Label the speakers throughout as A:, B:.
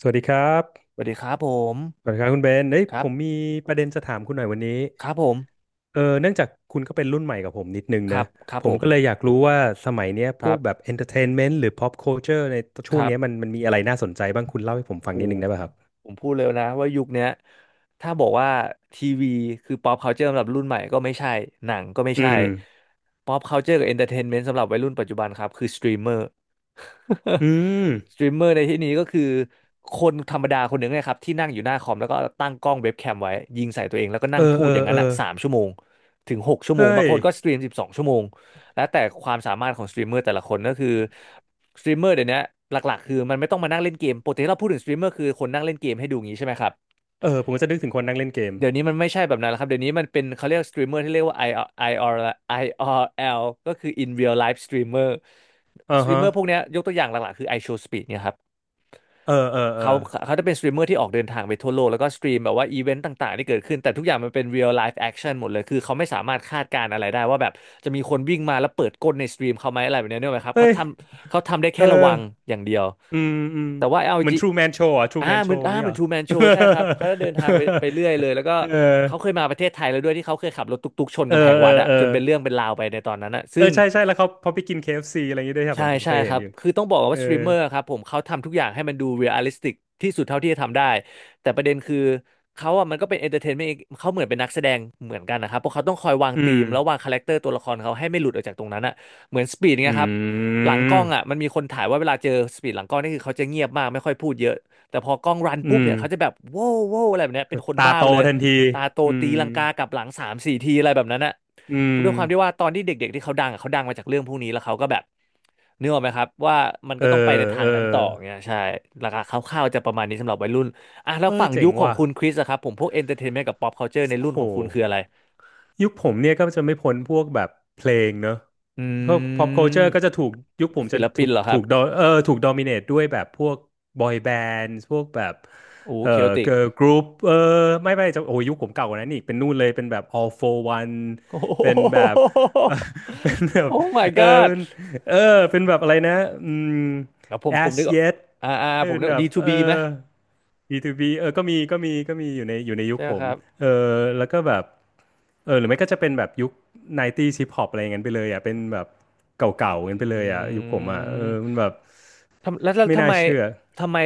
A: สวัสดีครับ
B: สวัสดีครับผม
A: สวัสดีครับคุณเบนเอ้ย
B: ครั
A: ผ
B: บ
A: มมีประเด็นจะถามคุณหน่อยวันนี้
B: ครับผม
A: เนื่องจากคุณก็เป็นรุ่นใหม่กับผมนิดนึง
B: ค
A: นะ
B: รับครับ
A: ผ
B: ผ
A: ม
B: ม
A: ก็เลยอยากรู้ว่าสมัยเนี้ย
B: ค
A: พ
B: รั
A: วกแบบ
B: บ
A: entertainment หรือ pop culture ใน
B: ค
A: ช่วง
B: รั
A: เนี้ยมั
B: บ
A: นมันมีอะไรน่าสนใจบ้าง คุณเล่าให้ผมฟัง
B: โห
A: นิดนึงได้ป่ะครับ
B: ผมพูดเร็วนะว่ายุคเนี้ยถ้าบอกว่าทีวีคือ pop culture สำหรับรุ่นใหม่ก็ไม่ใช่หนังก็ไม่
A: อื
B: ใช่
A: ม
B: pop culture กับ entertainment สำหรับวัยรุ่นปัจจุบันครับคือสตรีมเมอร์
A: อืม
B: สตรีมเมอร์ ในที่นี้ก็คือคนธรรมดาคนหนึ่งนะครับที่นั่งอยู่หน้าคอมแล้วก็ตั้งกล้องเว็บแคมไว้ยิงใส่ตัวเองแล้วก็นั่
A: เอ
B: ง
A: อ
B: พู
A: เอ
B: ด
A: อ
B: อย่าง
A: เอ
B: นั้น
A: อ
B: อ่ะสามชั่วโมงถึงหกชั่วโมง
A: เฮ้
B: บาง
A: ย
B: คนก็สตรีมสิบสองชั่วโมง แล้วแต่ความสามารถของสตรีมเมอร์แต่ละคนก็คือสตรีมเมอร์เดี๋ยวนี้หลักๆคือมันไม่ต้องมานั่งเล่นเกมปกติที่เราพูดถึงสตรีมเมอร์คือคนนั่งเล่นเกมให้ดูงี้ใช่ไหมครับ
A: เออผมก็จะนึกถึงคนนั่งเล่นเกม
B: เดี๋ยวนี้มันไม่ใช่แบบนั้นแล้วครับเดี๋ยวนี้มันเป็นเขาเรียกสตรีมเมอร์ที่เรียกว่า IR IR IRL ก็คือ in real life streamer
A: อ่า
B: สตรีม
A: ฮะ
B: เมอร์พวกเนี้ยยกตัวอย่างหลักๆคือ iShowSpeed เนี่ยครับ
A: เออ เออเออ
B: เขาเขาจะเป็นสตรีมเมอร์ที่ออกเดินทางไปทั่วโลกแล้วก็สตรีมแบบว่าอีเวนต์ต่างๆที่เกิดขึ้นแต่ทุกอย่างมันเป็น real life action หมดเลยคือเขาไม่สามารถคาดการณ์อะไรได้ว่าแบบจะมีคนวิ่งมาแล้วเปิดก้นในสตรีมเขาไหมอะไรแบบนี้เนี่ยไหมครับ
A: เฮ้ย
B: เขาทำได้
A: เอ
B: แค่
A: อ
B: ระวังอย่างเดียว
A: อืมอืม
B: แต่ว่า l อล
A: เหมือน
B: จี
A: True Man Show อ่ะ True Man Show อย่า
B: อ่า
A: งงี้
B: เห
A: เห
B: มื
A: ร
B: อน
A: อ
B: True Man Show ใช่ครับเขาจะเดินทางไปเรื่อยเลยแล้วก็
A: เออ
B: เขาเคยมาประเทศไทยแล้วด้วยที่เขาเคยขับรถตุ๊กๆชน
A: เออ
B: กำแพง
A: เอ
B: วัด
A: อ
B: อะ
A: เออ
B: จนเป็นเรื่องเป็นราวไปในตอนนั้นอะ
A: เอ
B: ซึ่
A: อ
B: ง
A: ใช่ใช่แล้วเขาพอไปกิน KFC อฟซีอะไรอย่างงี้ด้วยครับเห
B: ใช่
A: มือนผม
B: ใช่
A: เคย
B: ค
A: เห็น
B: รับ
A: อยู่
B: คือต้องบอก
A: เอ
B: ว่า
A: อ
B: สตรีมเมอร์ครับผมเขาทำทุกอย่างให้มันดูเรียลลิสติกที่สุดเท่าที่จะทำได้แต่ประเด็นคือเขาอ่ะมันก็เป็นเอนเตอร์เทนเมนต์เขาเหมือนเป็นนักแสดงเหมือนกันนะครับเพราะเขาต้องคอยวาง
A: อื
B: ธี
A: ม
B: มแล้ววางคาแรคเตอร์ตัวละครเขาให้ไม่หลุดออกจากตรงนั้นอ่ะเหมือนสปีด
A: อื
B: เงี้ยครับหลังกล้องอ่ะ
A: ม
B: มันมีคนถ่ายว่าเวลาเจอสปีดหลังกล้องนี่คือเขาจะเงียบมากไม่ค่อยพูดเยอะแต่พอกล้องรันปุ๊
A: อื
B: บ
A: ม
B: เนี่ยเขาจะแบบโว้วโว้วอะไรแบบเนี้ยเป็นคน
A: ตา
B: บ้า
A: โต
B: ไปเลย
A: ทันที
B: ตาโต
A: อื
B: ตี
A: ม
B: ลังกากลับหลังสามสี่ทีอะไรแบบนั้นอ่ะ
A: อืม
B: ด้วยความที่ว่าตอนที่เด็กๆที่เขาดังอะเขาดังมาจากเรื่องพวกนี้แล้วเขาก็แบบนึกออกไหมครับว่ามัน
A: เอ
B: ก็
A: อ
B: ต้องไปในทา
A: เอ
B: ง
A: อ
B: นั้นต่อเงี้ยใช่ราคาคร่าวๆจะประมาณนี้สำหรับวัยรุ่นอ่ะแล้ว
A: เอ้ย
B: ฝั่ง
A: เจ๋
B: ยุ
A: ง
B: คของ
A: ว่ะ
B: คุณคริสอะครับผมพวกเอนเตอร์เทนเมนต์กับป๊อปคัลเจอร์ในรุ่
A: โห
B: นของคุณคืออะไร
A: ยุคผมเนี่ยก็จะไม่พ้นพวกแบบเพลงเนอะ
B: อื
A: พวก pop culture ก็จะถูก
B: ม
A: ยุคผม
B: ศิ
A: จะ
B: ล
A: ถู
B: ปิน
A: ก
B: เหรอครั
A: ถู
B: บ
A: กดอเออถูก dominate ด้วยแบบพวก boy band พวกแบบ
B: โอ้
A: เออ
B: เคโอติก
A: girl group เออไม่ไม่จะโอ้ยยุคผมเก่ากว่านั้นอีกเป็นนู่นเลยเป็นแบบ all for one
B: โอ้โห
A: เป็นแบบ เป็นแบ บ
B: โอ้ my
A: เออ
B: god
A: เป็นเออเป็นแบบอะไรนะอืม
B: แล้วผม
A: as
B: นึกออก
A: yet เป็
B: ผม
A: น
B: นึก
A: แบบ
B: ดีทู
A: เออ
B: บีไหม
A: B2B เออก็มีอยู่ในยุค
B: ใช่ไหม
A: ผ
B: ค
A: ม
B: รับ
A: เออแล้วก็แบบ เออหรือไม่ก็จะเป็นแบบยุคไนน์ตี้ส์ฮิปฮอปอะไรอย่างนั้นไปเลยอ่ะเป็นแบบเก
B: อ
A: ่าๆกันไปเลยอ่ะยุ
B: ื
A: คผมอ่ะเออ
B: ม
A: มันแบบ
B: ทำแล้ว
A: ไม่
B: ทำ
A: น่า
B: ไม
A: เชื่อ
B: ทำไม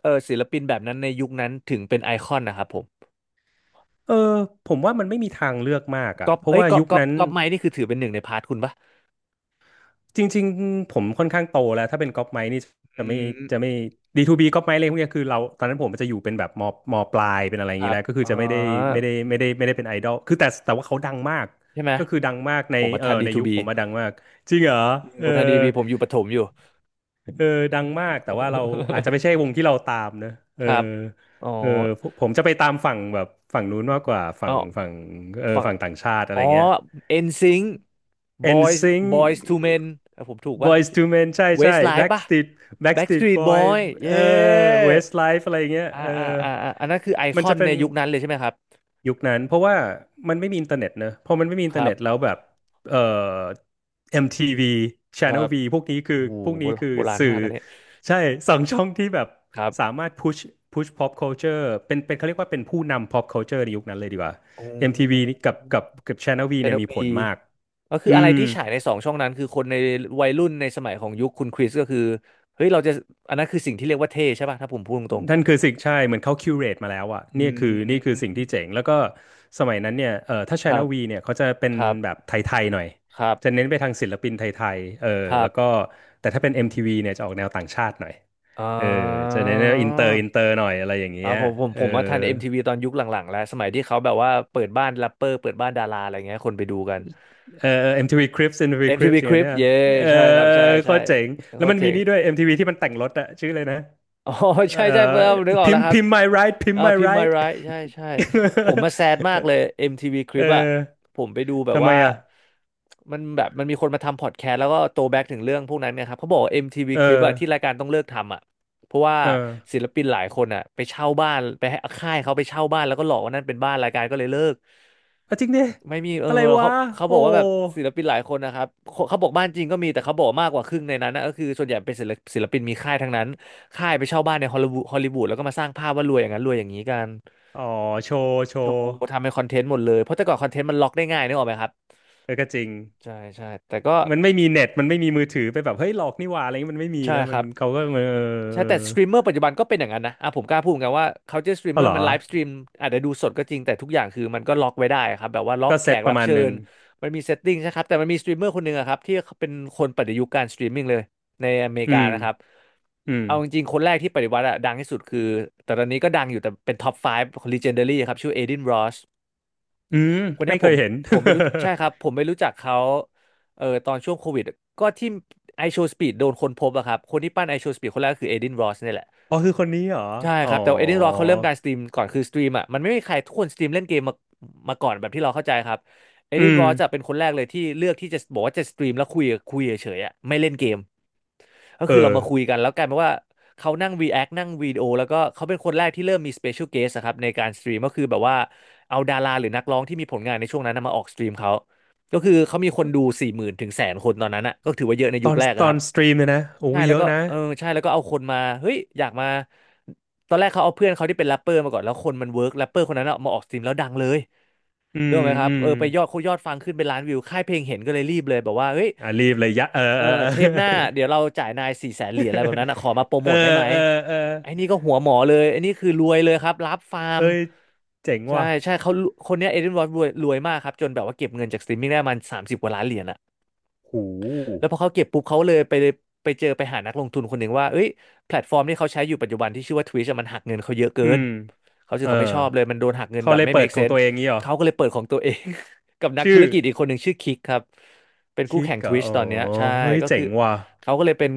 B: เออศิลปินแบบนั้นในยุคนั้นถึงเป็นไอคอนนะครับผม
A: เออผมว่ามันไม่มีทางเลือกมากอ่ะ
B: ก๊อป
A: เพราะ
B: เอ้ย
A: ว่า
B: ก๊อป
A: ยุค
B: ก๊อป
A: นั้น
B: ก๊อปไมค์นี่คือถือเป็นหนึ่งในพาร์ทคุณปะ
A: จริงๆผมค่อนข้างโตแล้วถ้าเป็นก๊อปไมค์นี่จะ
B: อื
A: ไม่
B: ม
A: จะไม่ดีทูบีก๊อปไมค์อะไรพวกเนี้ยคือเราตอนนั้นผมมันจะอยู่เป็นแบบมปลายเป็นอะไรอ
B: ค
A: ย่างนี้
B: รับ
A: แล้วก็คือ
B: อ๋อ
A: จะไม่ได้ไม่ได้เป็นไอดอลคือแต่ว่าเขาดังมาก
B: ใช่ไหม
A: ก็คือดังมากใน
B: ผมมา
A: เออ
B: ทันดี
A: ใน
B: ทู
A: ยุค
B: บี
A: ผมมาดังมากจริงเหรอเอ
B: ผ
A: อ
B: มทันดีบีผมอยู่ประถมอยู่
A: เออดังมากแต่ว่าเราอาจจะไม่ใช่ว งที่เราตามนะเอ
B: ค
A: อ
B: รับอ๋อ
A: เออผมจะไปตามฝั่งแบบฝั่งนู้นมากกว่าฝั่
B: เอา
A: งฝั่งเออ
B: ฝั่ง
A: ฝั่งต่างชาติอะไร
B: อ๋อ
A: เงี้ย
B: NSYNC
A: n s
B: Boys
A: i n g
B: To Men เอ้ยผมถูกปะ
A: Boyz to Men ใช่ใช่
B: Westlife ปะ
A: Backstreet Backstreet
B: Backstreet
A: Boy
B: Boy เย้
A: เออ Westlife อะไรเงี้ยเออ
B: อันนั้นคือไอค
A: มัน
B: อ
A: จะ
B: น
A: เป็
B: ใน
A: น
B: ยุคนั้นเลยใช่ไหมครับ
A: ยุคนั้นเพราะว่ามันไม่มีอินเทอร์เน็ตเนอะพอมันไม่มีอิ
B: ค
A: นเทอร์
B: รั
A: เน็
B: บ
A: ตแล้วแบบเอ่อ MTV
B: ครั
A: Channel
B: บ
A: V พวกนี้คือ
B: โอ้โห
A: พวก
B: โบ
A: นี้
B: ราณ
A: คือ
B: โบราณ
A: สื่อ
B: มากกันเนี่ย
A: ใช่สองช่องที่แบบ
B: ครับ
A: สามารถ push push pop culture เป็นเป็นเขาเรียกว่าเป็นผู้นำ pop culture ในยุคนั้นเลยดีกว่า
B: อื
A: MTV นี่
B: ม
A: กับ Channel V
B: เจ
A: เนี่
B: น
A: ยมี
B: วี
A: ผลมาก
B: ก็คือ
A: อื
B: อะไร
A: ม
B: ที่ฉายในสองช่องนั้นคือคนในวัยรุ่นในสมัยของยุคคุณคริสก็คือเฮ้ยเราจะอันนั้นคือสิ่งที่เรียกว่าเท่ใช่ป่ะถ้าผมพูดตรง
A: นั่นคือสิ่งใช่เหมือนเขาคิวเรตมาแล้วอะ
B: ๆอื
A: เนี่ยคือนี่คือสิ่ง
B: ม
A: ที่เจ๋งแล้วก็สมัยนั้นเนี่ยเออถ้า
B: ครั
A: Channel
B: บ
A: V เนี่ยเขาจะเป็น
B: ครับ
A: แบบไทยๆหน่อย
B: ครั
A: จะ
B: บ
A: เน้นไปทางศิลปินไทยๆเออ
B: ครั
A: แล้วก็
B: บ
A: แต่ถ้าเป็น MTV เนี่ยจะออกแนวต่างชาติหน่อย
B: อ่
A: เออจะเน้นอินเตอร์หน่อยอะไรอย่าง
B: ออ๋
A: เงี้
B: อ
A: ยเอ
B: ผ
A: อ
B: มมาทัน MTV ตอนยุคหลังๆแล้วสมัยที่เขาแบบว่าเปิดบ้านแรปเปอร์เปิดบ้านดาราอะไรเงี้ยคนไปดูกัน
A: เออเออ MTV Cribs MTV Cribs อมทีวี Crips
B: MTV
A: อย่างเงี้ย
B: Crib
A: เนี่ย
B: เย้
A: เออ
B: ใช่ครับใช่
A: โค
B: ใช่
A: ตรเจ๋งแล้
B: โค
A: ว
B: ต
A: มั
B: ร
A: น
B: เจ๋
A: มี
B: ง
A: นี่ด้วยเอ็มทีวีที่มันแต่งรถอะชื่อเลยนะ
B: อ๋อ
A: เอ
B: ใช่ใช่
A: อ
B: เพิ่มนึกออก
A: พิ
B: แล้
A: ม
B: ว
A: พ์
B: ครับ
A: พิมพ์ my ride พิม
B: อ่า
A: พ์ my
B: พิมพ์มา
A: ride
B: ไรใช่ใช่ผมมาแซดมากเลย MTV c ล i
A: เอ
B: ปอะ
A: อ
B: ผมไปดูแบบ
A: ทำไม
B: ว่า
A: อ่ะ
B: มันแบบมันมีคนมาทำพอดแคสต์แล้วก็โตแบ็กถึงเรื่องพวกนั้นเนี่ยครับเขาบอกว่า MTV
A: เอ
B: c ล i ป
A: อ
B: อะที่รายการต้องเลิกทำอะเพราะว่า
A: เอ
B: ศิ
A: อ
B: ลปินหลายคนอะไปเช่าบ้านไปให้ค่ายเขาไปเช่าบ้านแล้วก็หลอกว่านั่นเป็นบ้านรายการก็เลยเลิก
A: เอาจริงดิ
B: ไม่มีเออ
A: อะไรวะ
B: เขา
A: โอ้
B: บอกว่าแบบศิลปินหลายคนนะครับเขาบอกบ้านจริงก็มีแต่เขาบอกมากกว่าครึ่งในนั้นนะก็คือส่วนใหญ่เป็นศิลปินมีค่ายทั้งนั้น ค่ายไปเช่าบ้านในฮอลลีวูดแล้วก็มาสร้างภาพว่ารวยอย่างนั้นรวยอย่างนี้กัน
A: อ๋อโชว์โช
B: โช
A: ว์
B: ว์ทำเป็นคอนเทนต์หมดเลยเพราะแต่ก่อนคอนเทนต์มันล็อกได้ง่ายนึกออกไหมครับ
A: เออก็จริง
B: ใช่ใช่แต่ก็
A: มันไม่มีเน็ตมันไม่มีมือถือไปแบบเฮ้ยหลอกนี่หว่าอะไรเงี้ยมันไม่มี
B: ใช่
A: นะ
B: ค
A: มัน
B: รับ
A: เขาก็เออเออ
B: ใช่
A: เออ
B: แต่สตรีมเมอร์ปัจจุบันก็เป็นอย่างนั้นนะอ่ะผมกล้าพูดเหมือนกันว่าเขาจะสตรีม
A: เอา
B: เมอ
A: เหร
B: ร์
A: อ
B: มันไลฟ์สตรีมอาจจะดูสดก็จริงแต่ทุกอย่างคือมันก็ล็อกไว้ได้ครับแบบว่าล็อก
A: ก็
B: แข
A: เซต
B: ก
A: ป
B: รั
A: ระ
B: บ
A: มาณ
B: เชิ
A: หนึ่ง
B: ญมันมีเซตติ้งใช่ครับแต่มันมีสตรีมเมอร์คนหนึ่งอะครับที่เป็นคนปฏิยุคการสตรีมมิ่งเลยในอเมริ
A: อื
B: กา
A: ม
B: นะครับ
A: อืม
B: เอาจริงๆคนแรกที่ปฏิวัติอะดังที่สุดคือแต่ตอนนี้ก็ดังอยู่แต่เป็นท็อป5ของ Legendary ครับชื่อเอดินรส
A: อืม
B: คนเนี้
A: ไม่
B: ย
A: เค
B: ผ
A: ย
B: ม
A: เห็น
B: ผมไม่รู้ใช่ครับผมไม่รู้จักเขาเออตอนช่วงโควิดก็ที่ไอโชว์สปีดโดนคนพบอะครับคนที่ปั้นไอโชว์สปีดคนแรกก็คือเอดินรอสเนี่ยแหละ
A: อ๋อคือคนนี้เหรอ
B: ใช่
A: อ๋
B: ครั
A: อ
B: บแต่เอดินรอสเขาเริ่มการสตรีมก่อนคือสตรีมอะมันไม่มีใครทุกคนสตรีมเล่นเกมมาก่อนแบบที่เราเข้าใจครับเอ
A: อื
B: ดินร
A: ม
B: อสจะเป็นคนแรกเลยที่เลือกที่จะบอกว่าจะสตรีมแล้วคุยเฉยๆอะไม่เล่นเกม ก็
A: เอ
B: คือเรา
A: อ
B: มาคุยกันแล้วกลายเป็นว่าเขานั่ง react นั่งวิดีโอแล้วก็เขาเป็นคนแรกที่เริ่มมี special guest อะครับในการสตรีมก็คือแบบว่าเอาดาราหรือนักร้องที่มีผลงานในช่วงนั้นนะมาออกสตรีมเขาก็คือเขามีคนดูสี่หมื่นถึงแสนคนตอนนั้นอะก็ถือว่าเยอะใน
A: ต
B: ยุ
A: อ
B: ค
A: น
B: แรก
A: ต
B: อะ
A: อ
B: ครั
A: น
B: บ
A: สตรีมเลยนะโอ้
B: ใช่
A: ยเย
B: แล้ว
A: อะ
B: ก็
A: นะ
B: เออใช่แล้วก็เอาคนมาเฮ้ยอยากมาตอนแรกเขาเอาเพื่อนเขาที่เป็นแรปเปอร์มาก่อนแล้วคนมันเวิร์กแรปเปอร์คนนั้นอะมาออกสตรีมแล้วดังเลย
A: อื
B: เรื่อ
A: ม
B: งไหมครับ
A: อื
B: เอ
A: ม
B: อไปยอดเขายอดฟังขึ้นเป็นล้านวิวค่ายเพลงเห็นก็เลยรีบเลยบอกว่าเฮ้ย
A: อ่ะรีบเลยยะเออ
B: เออ
A: เออ
B: เทปหน้า
A: เอ
B: เดี๋ยวเราจ่ายนายสี่แสนเห
A: อ
B: รียญอะไรแบบนั้นนะขอมาโปร
A: เอ
B: โม
A: อ
B: ทได้ไหม
A: เออเออ
B: ไอ้นี่ก็หัวหมอเลยไอ้นี่คือรวยเลยครับรับฟาร์ม
A: เอ้ยเจ๋ง
B: ใช่
A: ว่ะ
B: ใช่เขาคนเนี้ยเอเดนวอร์ดรวยมากครับจนแบบว่าเก็บเงินจากสตรีมมิ่งได้ประมาณสามสิบกว่าล้านเหรียญอะ
A: หู
B: แล้วพอเขาเก็บปุ๊บเขาเลยไปไปเจอไปหานักลงทุนคนหนึ่งว่าเอ้ยแพลตฟอร์มที่เขาใช้อยู่ปัจจุบันที่ชื่อว่า Twitch อะมันหักเงินเขาเยอะเกิ
A: อื
B: น
A: ม
B: เขารู้สึ
A: เอ
B: ก
A: อ
B: เขาไม่ชอบเลยมันโดนหักเงิน
A: เขา
B: แบบ
A: เลย
B: ไม่
A: เปิด
B: make
A: ของ
B: sense
A: ตัวเองงี้เหรอ
B: เขาก็เลยเปิดของตัวเอง กับนักธุ
A: ชื่อ
B: รกิจอีกคนหนึ่งชื่อคิกครับเป็นคู่
A: คิก
B: แข่ง
A: เหรอ
B: Twitch
A: อ๋อ
B: ตอนเนี้ยใช่
A: เฮ้ย
B: ก็
A: เจ๋
B: คือ
A: งว่ะ
B: เขาก็เลยเป็น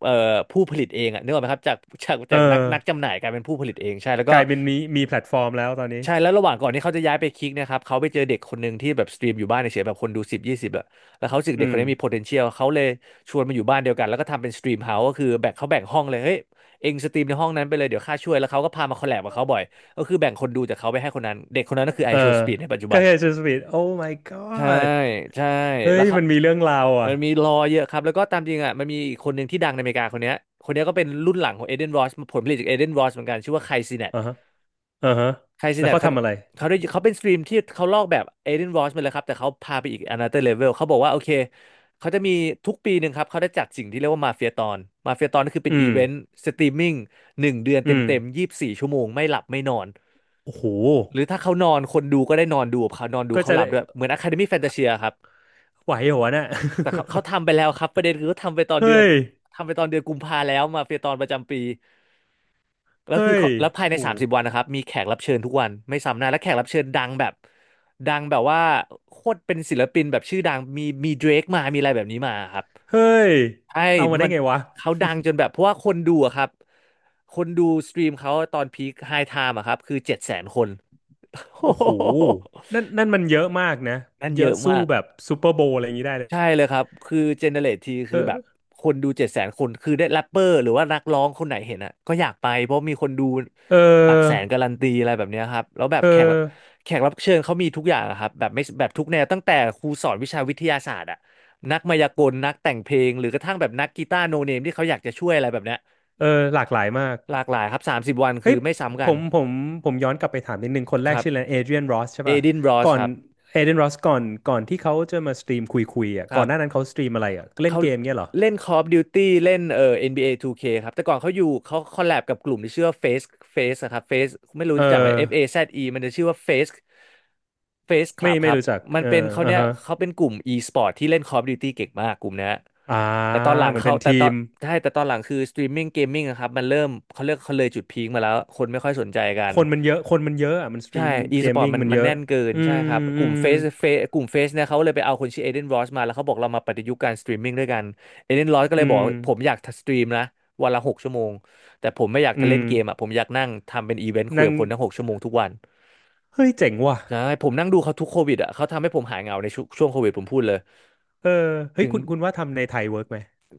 B: เอ่อผู้ผลิตเองอะนึกออกไหมครับจาก
A: เอ
B: นัก
A: อ
B: นักจำหน่ายกลายเป็นผู้ผลิตเองใช่แล้ว
A: ก
B: ก็
A: ลายเป็นมีแพลตฟอร์มแล้วตอนนี้
B: ใช่แล้วระหว่างก่อนที่เขาจะย้ายไปคิกเนะครับเขาไปเจอเด็กคนหนึ่งที่แบบสตรีมอยู่บ้านเฉยๆแบบคนดูสิบยี่สิบอะแล้วเขารู้สึก
A: อื
B: เด็กค
A: ม
B: นนี้มี potential เขาเลยชวนมาอยู่บ้านเดียวกันแล้วก็ทำเป็นสตรีมเฮาส์ก็คือแบ่งเขาแบ่งห้องเลยเฮ้ยเองสตรีมในห้องนั้นไปเลยเดี๋ยวข้าช่วยแล้วเขาก็พามาคอลแลบกับเขาบ่อยก็คือแบ่งคนดูจากเขาไปให้คนนั้นเด็กคนนั้นก็คือไอ
A: เออ
B: โชว์สปีดในปัจจุ
A: ก็
B: บัน
A: เฮซูสปีดโอ้ my
B: ใช่
A: god
B: ใช่
A: เฮ้
B: แล้
A: ย
B: วเขา
A: มันมีเรื่องราวอ่ะ
B: มันมีรอเยอะครับแล้วก็ตามจริงอ่ะมันมีอีกคนหนึ่งที่ดังในอเมริกาคนเนี้ยก็เป็นรุ่นหลังของเอเดนรอสผลผลิตจากเอเดนรอสเหมือนกันชื่อว่าไคซเนต
A: อ่าฮะอ่าฮะ
B: ไคซิ
A: แล้ว
B: นัท
A: เขา
B: เขา
A: ทำอะไร
B: เขาได้เขาเป็นสตรีมที่เขาลอกแบบเอเดนวอชมาเลยครับแต่เขาพาไปอีก another level เขาบอกว่าโอเคเขาจะมีทุกปีหนึ่งครับเขาได้จัดสิ่งที่เรียกว่ามาเฟียตอนมาเฟียตอนก็คือเป็น
A: อื
B: อี
A: ม
B: เวนต์สตรีมมิ่งหนึ่งเดือนเต็
A: อื
B: ม
A: ม
B: เต็ม24 ชั่วโมงไม่หลับไม่นอน
A: โอ้โห
B: หรือถ้าเขานอนคนดูก็ได้นอนดูกับเขานอนดู
A: ก็
B: เขา
A: จะ
B: หลั
A: ได้
B: บด้วยเหมือน Academy Fantasia ครับ
A: ไหวเหรอวะน่ะ
B: แต่เขาทำไปแล้วครับประเด็นคือเขา
A: เฮ้ย
B: ทำไปตอนเดือนกุมภาแล้วมาเฟียตอนประจำปี แล้วคื
A: เฮ้
B: อ
A: ย
B: เขาแล้วภาย
A: โห
B: ในสามสิบวันนะครับมีแขกรับเชิญทุกวันไม่ซ้ำหน้าและแขกรับเชิญดังแบบดังแบบว่าโคตรเป็นศิลปินแบบชื่อดังมีเดรกมามีอะไรแบบนี้มาครับ
A: เฮ้ย
B: ใช่
A: เอามาได้
B: มัน
A: ไงวะ
B: เขาดังจนแบบเพราะว่าคนดูอะครับคนดูสตรีมเขาตอนพีคไฮไทม์อะครับคือเจ็ดแสนคน
A: โอ้โหนั่นนั่นมันเยอะมากนะ
B: นั่น
A: เย
B: เย
A: อะ
B: อะ
A: สู้
B: มาก
A: แบบซูเปอร์โบว์อะไรอย่างนี้ได้เลย
B: ใช่เลยครับ คือเจเนเรตที
A: เอ
B: คือแบบ
A: อ
B: คนดูเจ็ดแสนคน คือได้แรปเปอร์หรือว่านักร้องคนไหนเห็นอ่ะก็อยากไปเพราะมีคนดู
A: เ
B: หลักแสน
A: ออ
B: การันตีอะไรแบบเนี้ยครับ แล้วแบบ
A: เออ
B: แขกรับเชิญเขามีทุกอย่างอะครับแบบไม่แบบทุกแนวตั้งแต่ครูสอนวิชาวิทยาศาสตร์อ่ะนักมายากลนักแต่งเพลงหรือกระทั่งแบบนักกีตาร์โนเนมที่เขาอยากจะช่วยอะไรแบบเนี้ย
A: เออ หลากหลายมาก
B: หลากหลายครับสามสิบวัน
A: เฮ้
B: คื
A: ย
B: อไม่ซ้ำ
A: ผ
B: กัน
A: มผมผมย้อนกลับไปถามนิดนึงคนแร
B: ค
A: ก
B: รับ
A: ชื่ออะไรเอเดรียนรอสใช่
B: เอ
A: ป่ะ
B: ดินบรอ
A: ก่
B: ส
A: อ
B: ค
A: น
B: รับ
A: เอเดรียนรอสก่อนที่เขาจะมาสตรีมคุยคุยอ่ะ
B: ค
A: ก่
B: รั
A: อน
B: บ
A: หน้านั้นเขาสตรีมอะไรอ่ะเล่น
B: เขา
A: เกมเงี้ยเหรอ
B: เล่น Call of Duty เล่นNBA 2K คครับแต่ก่อนเขาอยู่เขาคอลแลบกับกลุ่มที่ชื่อว่า Face Face อะครับ Face ไม่
A: เอ
B: รู้จักไหม
A: อ
B: F A Z E มันจะชื่อว่า Face Face
A: ไม่
B: Club ค
A: ไม่
B: รับ
A: รู้จัก
B: มัน
A: เออ
B: เป็นเขา
A: อ่า
B: เนี้ย
A: ฮะ
B: เขาเป็นกลุ่ม e-sport ที่เล่น Call of Duty เก่งมากกลุ่มเนี้ย
A: อ่า
B: แล้วตอนหลัง
A: เหมือน
B: เขา
A: เป็น
B: แต่
A: ที
B: ตอ
A: ม
B: นใช่แต่ตอนหลังคือ streaming gaming อะครับมันเริ่มเขาเรียกเขาเลยจุดพีคมาแล้วคนไม่ค่อยสนใจกั
A: ค
B: น
A: นมันเยอะ คนมันเยอะอ่ะมันสตรี
B: ใช่
A: ม
B: อี
A: เก
B: ส
A: ม
B: ปอร์ต
A: มิ่ง
B: มัน
A: มัน
B: มั
A: เย
B: น
A: อะ
B: แน่นเกิน
A: อื
B: ใช่
A: ม
B: ครับก
A: อื
B: ลุ่ม
A: ม
B: เฟสเฟสกลุ่มเฟสเนี่ยเขาเลยไปเอาคนชื่อเอเดนรอสมาแล้วเขาบอกเรามาปฏิยุกต์การสตรีมมิ่งด้วยกันเอเดนรอสก็
A: อื
B: เลยบอก
A: ม
B: ผมอยากสตรีมนะวันละหกชั่วโมงแต่ผมไม่อยาก
A: อื
B: ทะเล่
A: ม
B: นเกมอ่ะผมอยากนั่งทำเป็นอีเวนต์คุย
A: นั่ง
B: กับคนทั้งหกชั่วโมงทุกวัน
A: เฮ้ยเจ๋งว่ะ
B: ใช่ผมนั่งดูเขาทุกโควิดอ่ะเขาทำให้ผมหายเหงาในช่วงโควิดผมพูดเลย
A: เออเฮ้ย
B: ถึง
A: คุณคุณว่าทำในไทยเวิร์กไหม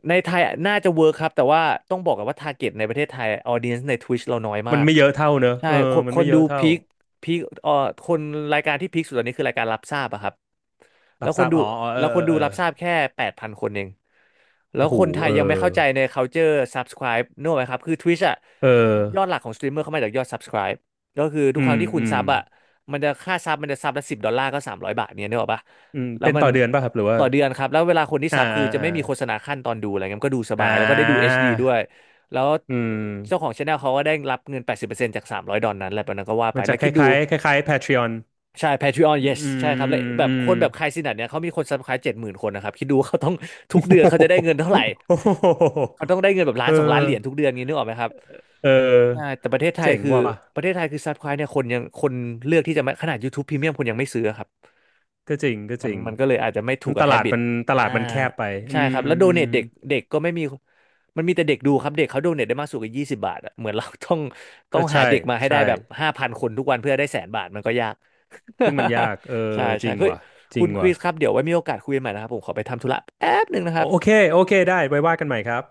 B: ในไทยน่าจะเวิร์คครับแต่ว่าต้องบอกกันว่าทาร์เก็ตในประเทศไทยออเดียนใน Twitch เราน้อยมา
A: มัน
B: ก
A: ไม่เยอะเท่าเนอะ
B: ใช่
A: เออ
B: คน
A: มั
B: ค
A: นไม่
B: น
A: เย
B: ดู
A: อะเท่า
B: พีคคนรายการที่พีคสุดตอนนี้คือรายการรับทราบอะครับ
A: รั
B: แล้
A: บ
B: ว
A: ท
B: ค
A: รา
B: น
A: บ
B: ดู
A: อ๋อ อ๋อเออ
B: แล้วค
A: เอ
B: น
A: อ
B: ดู
A: เออ
B: รับทราบแค่8,000 คนเอง แล้
A: โอ้
B: ว
A: โห
B: คนไท
A: เอ
B: ย
A: อ
B: ยังไม่เข้าใจใน culture subscribe นึกออกไหมครับ คือ Twitch อะ
A: เออ
B: ยอดหลักของสตรีมเมอร์เข้ามาจากยอด subscribe ก็คือทุ
A: อื
B: กครั้ง
A: ม
B: ที่คุ
A: อื
B: ณ
A: ม
B: ซับอะมันจะค่าซับมันจะซับละ10 ดอลลาร์ก็300 บาทเนี่ยนึกออกปะ
A: อืม
B: แล้ว
A: เป็น
B: มัน
A: ต่อเดือนป่ะครับ หรือว่า
B: ต่อเดือนครับ แล้วเวลาคนที่
A: อ่า
B: ซับคือ
A: อ่า
B: จะ
A: อ่า
B: ไม่มีโฆษณาขั้นตอนดูอะไรเงี้ยมันก็ดูส
A: อ่
B: บายแล้วก็ได้ดู
A: า
B: HD ดด้วย แล้ว
A: อื
B: เจ้าขอ
A: ม
B: งช anel เขาก็ได้รับเงิน80%จาก300 ดอลนั้นแหละตอนนั้นก็ว่าไป
A: มัน
B: แล้
A: จะ
B: ว
A: ค
B: คิดดู
A: ล้ายๆคล้ายๆ Patreon
B: ใช่ Patreon
A: อืม
B: yes ใช่ครับและแบบ
A: อื
B: ค
A: ม
B: นแบบคายซินัทเนี่ยเขามีคนซับ s c ค i b e 70,000 คนนะครับคิดดูว่าเขาต้อง ทุกเดือนเขาจะได้เงิน เท่าไหร่
A: โอ้โหโอ้โห
B: เขาต้องได้เงินแบบ
A: เอ
B: ล้าน
A: อ
B: สองล้านเหรียญทุกเดือนงี้นึกออกไหมครับ
A: เอ
B: ใช่
A: อ
B: แต่ประเทศไทย
A: เจ๋ง
B: คือ
A: ว่ะ
B: ประเทศไทยคือซับครต์เนี่ยคนยังคนเลือกที่จะไม่ขนาด YouTube Premium คนยังไม่ซื้อครับ
A: ก็จริงก็
B: มั
A: จ
B: น
A: ริง
B: มันก็เลยอาจจะไม่ถู
A: มั
B: ก
A: นต
B: กับ
A: ลาด
B: habit
A: มันต
B: อ่า
A: ลาดมันแคบไปอื
B: ใช่
A: ม
B: ครับ แล้วโด
A: อื
B: เน
A: ม
B: ทเด็กเด็กก็ไม่มี มันมีแต่เด็กดูครับ เด็กเขาโดเนทได้มากสุดกับ20 บาทอะเหมือนเราต้อง
A: ก็
B: หา
A: ใช่
B: เด็กมาให้ได้
A: ใช่
B: แบบ5,000 คนทุกวันเพื่อได้แสนบาทมันก็ยาก
A: ซึ่งมันยากเออ
B: ใช่
A: จ
B: ใช่
A: ริง
B: เฮ้ย
A: ว่ะจ
B: คุ
A: ริง
B: ณคริ
A: ว่ะ
B: สครับเดี๋ยวไว้มีโอกาสคุยกันใหม่นะครับผมขอไปทำธุระแป๊บหนึ่งนะค
A: โอ
B: รับ
A: โอเคโอเคได้ไว้ว่ากันใหม่ครับ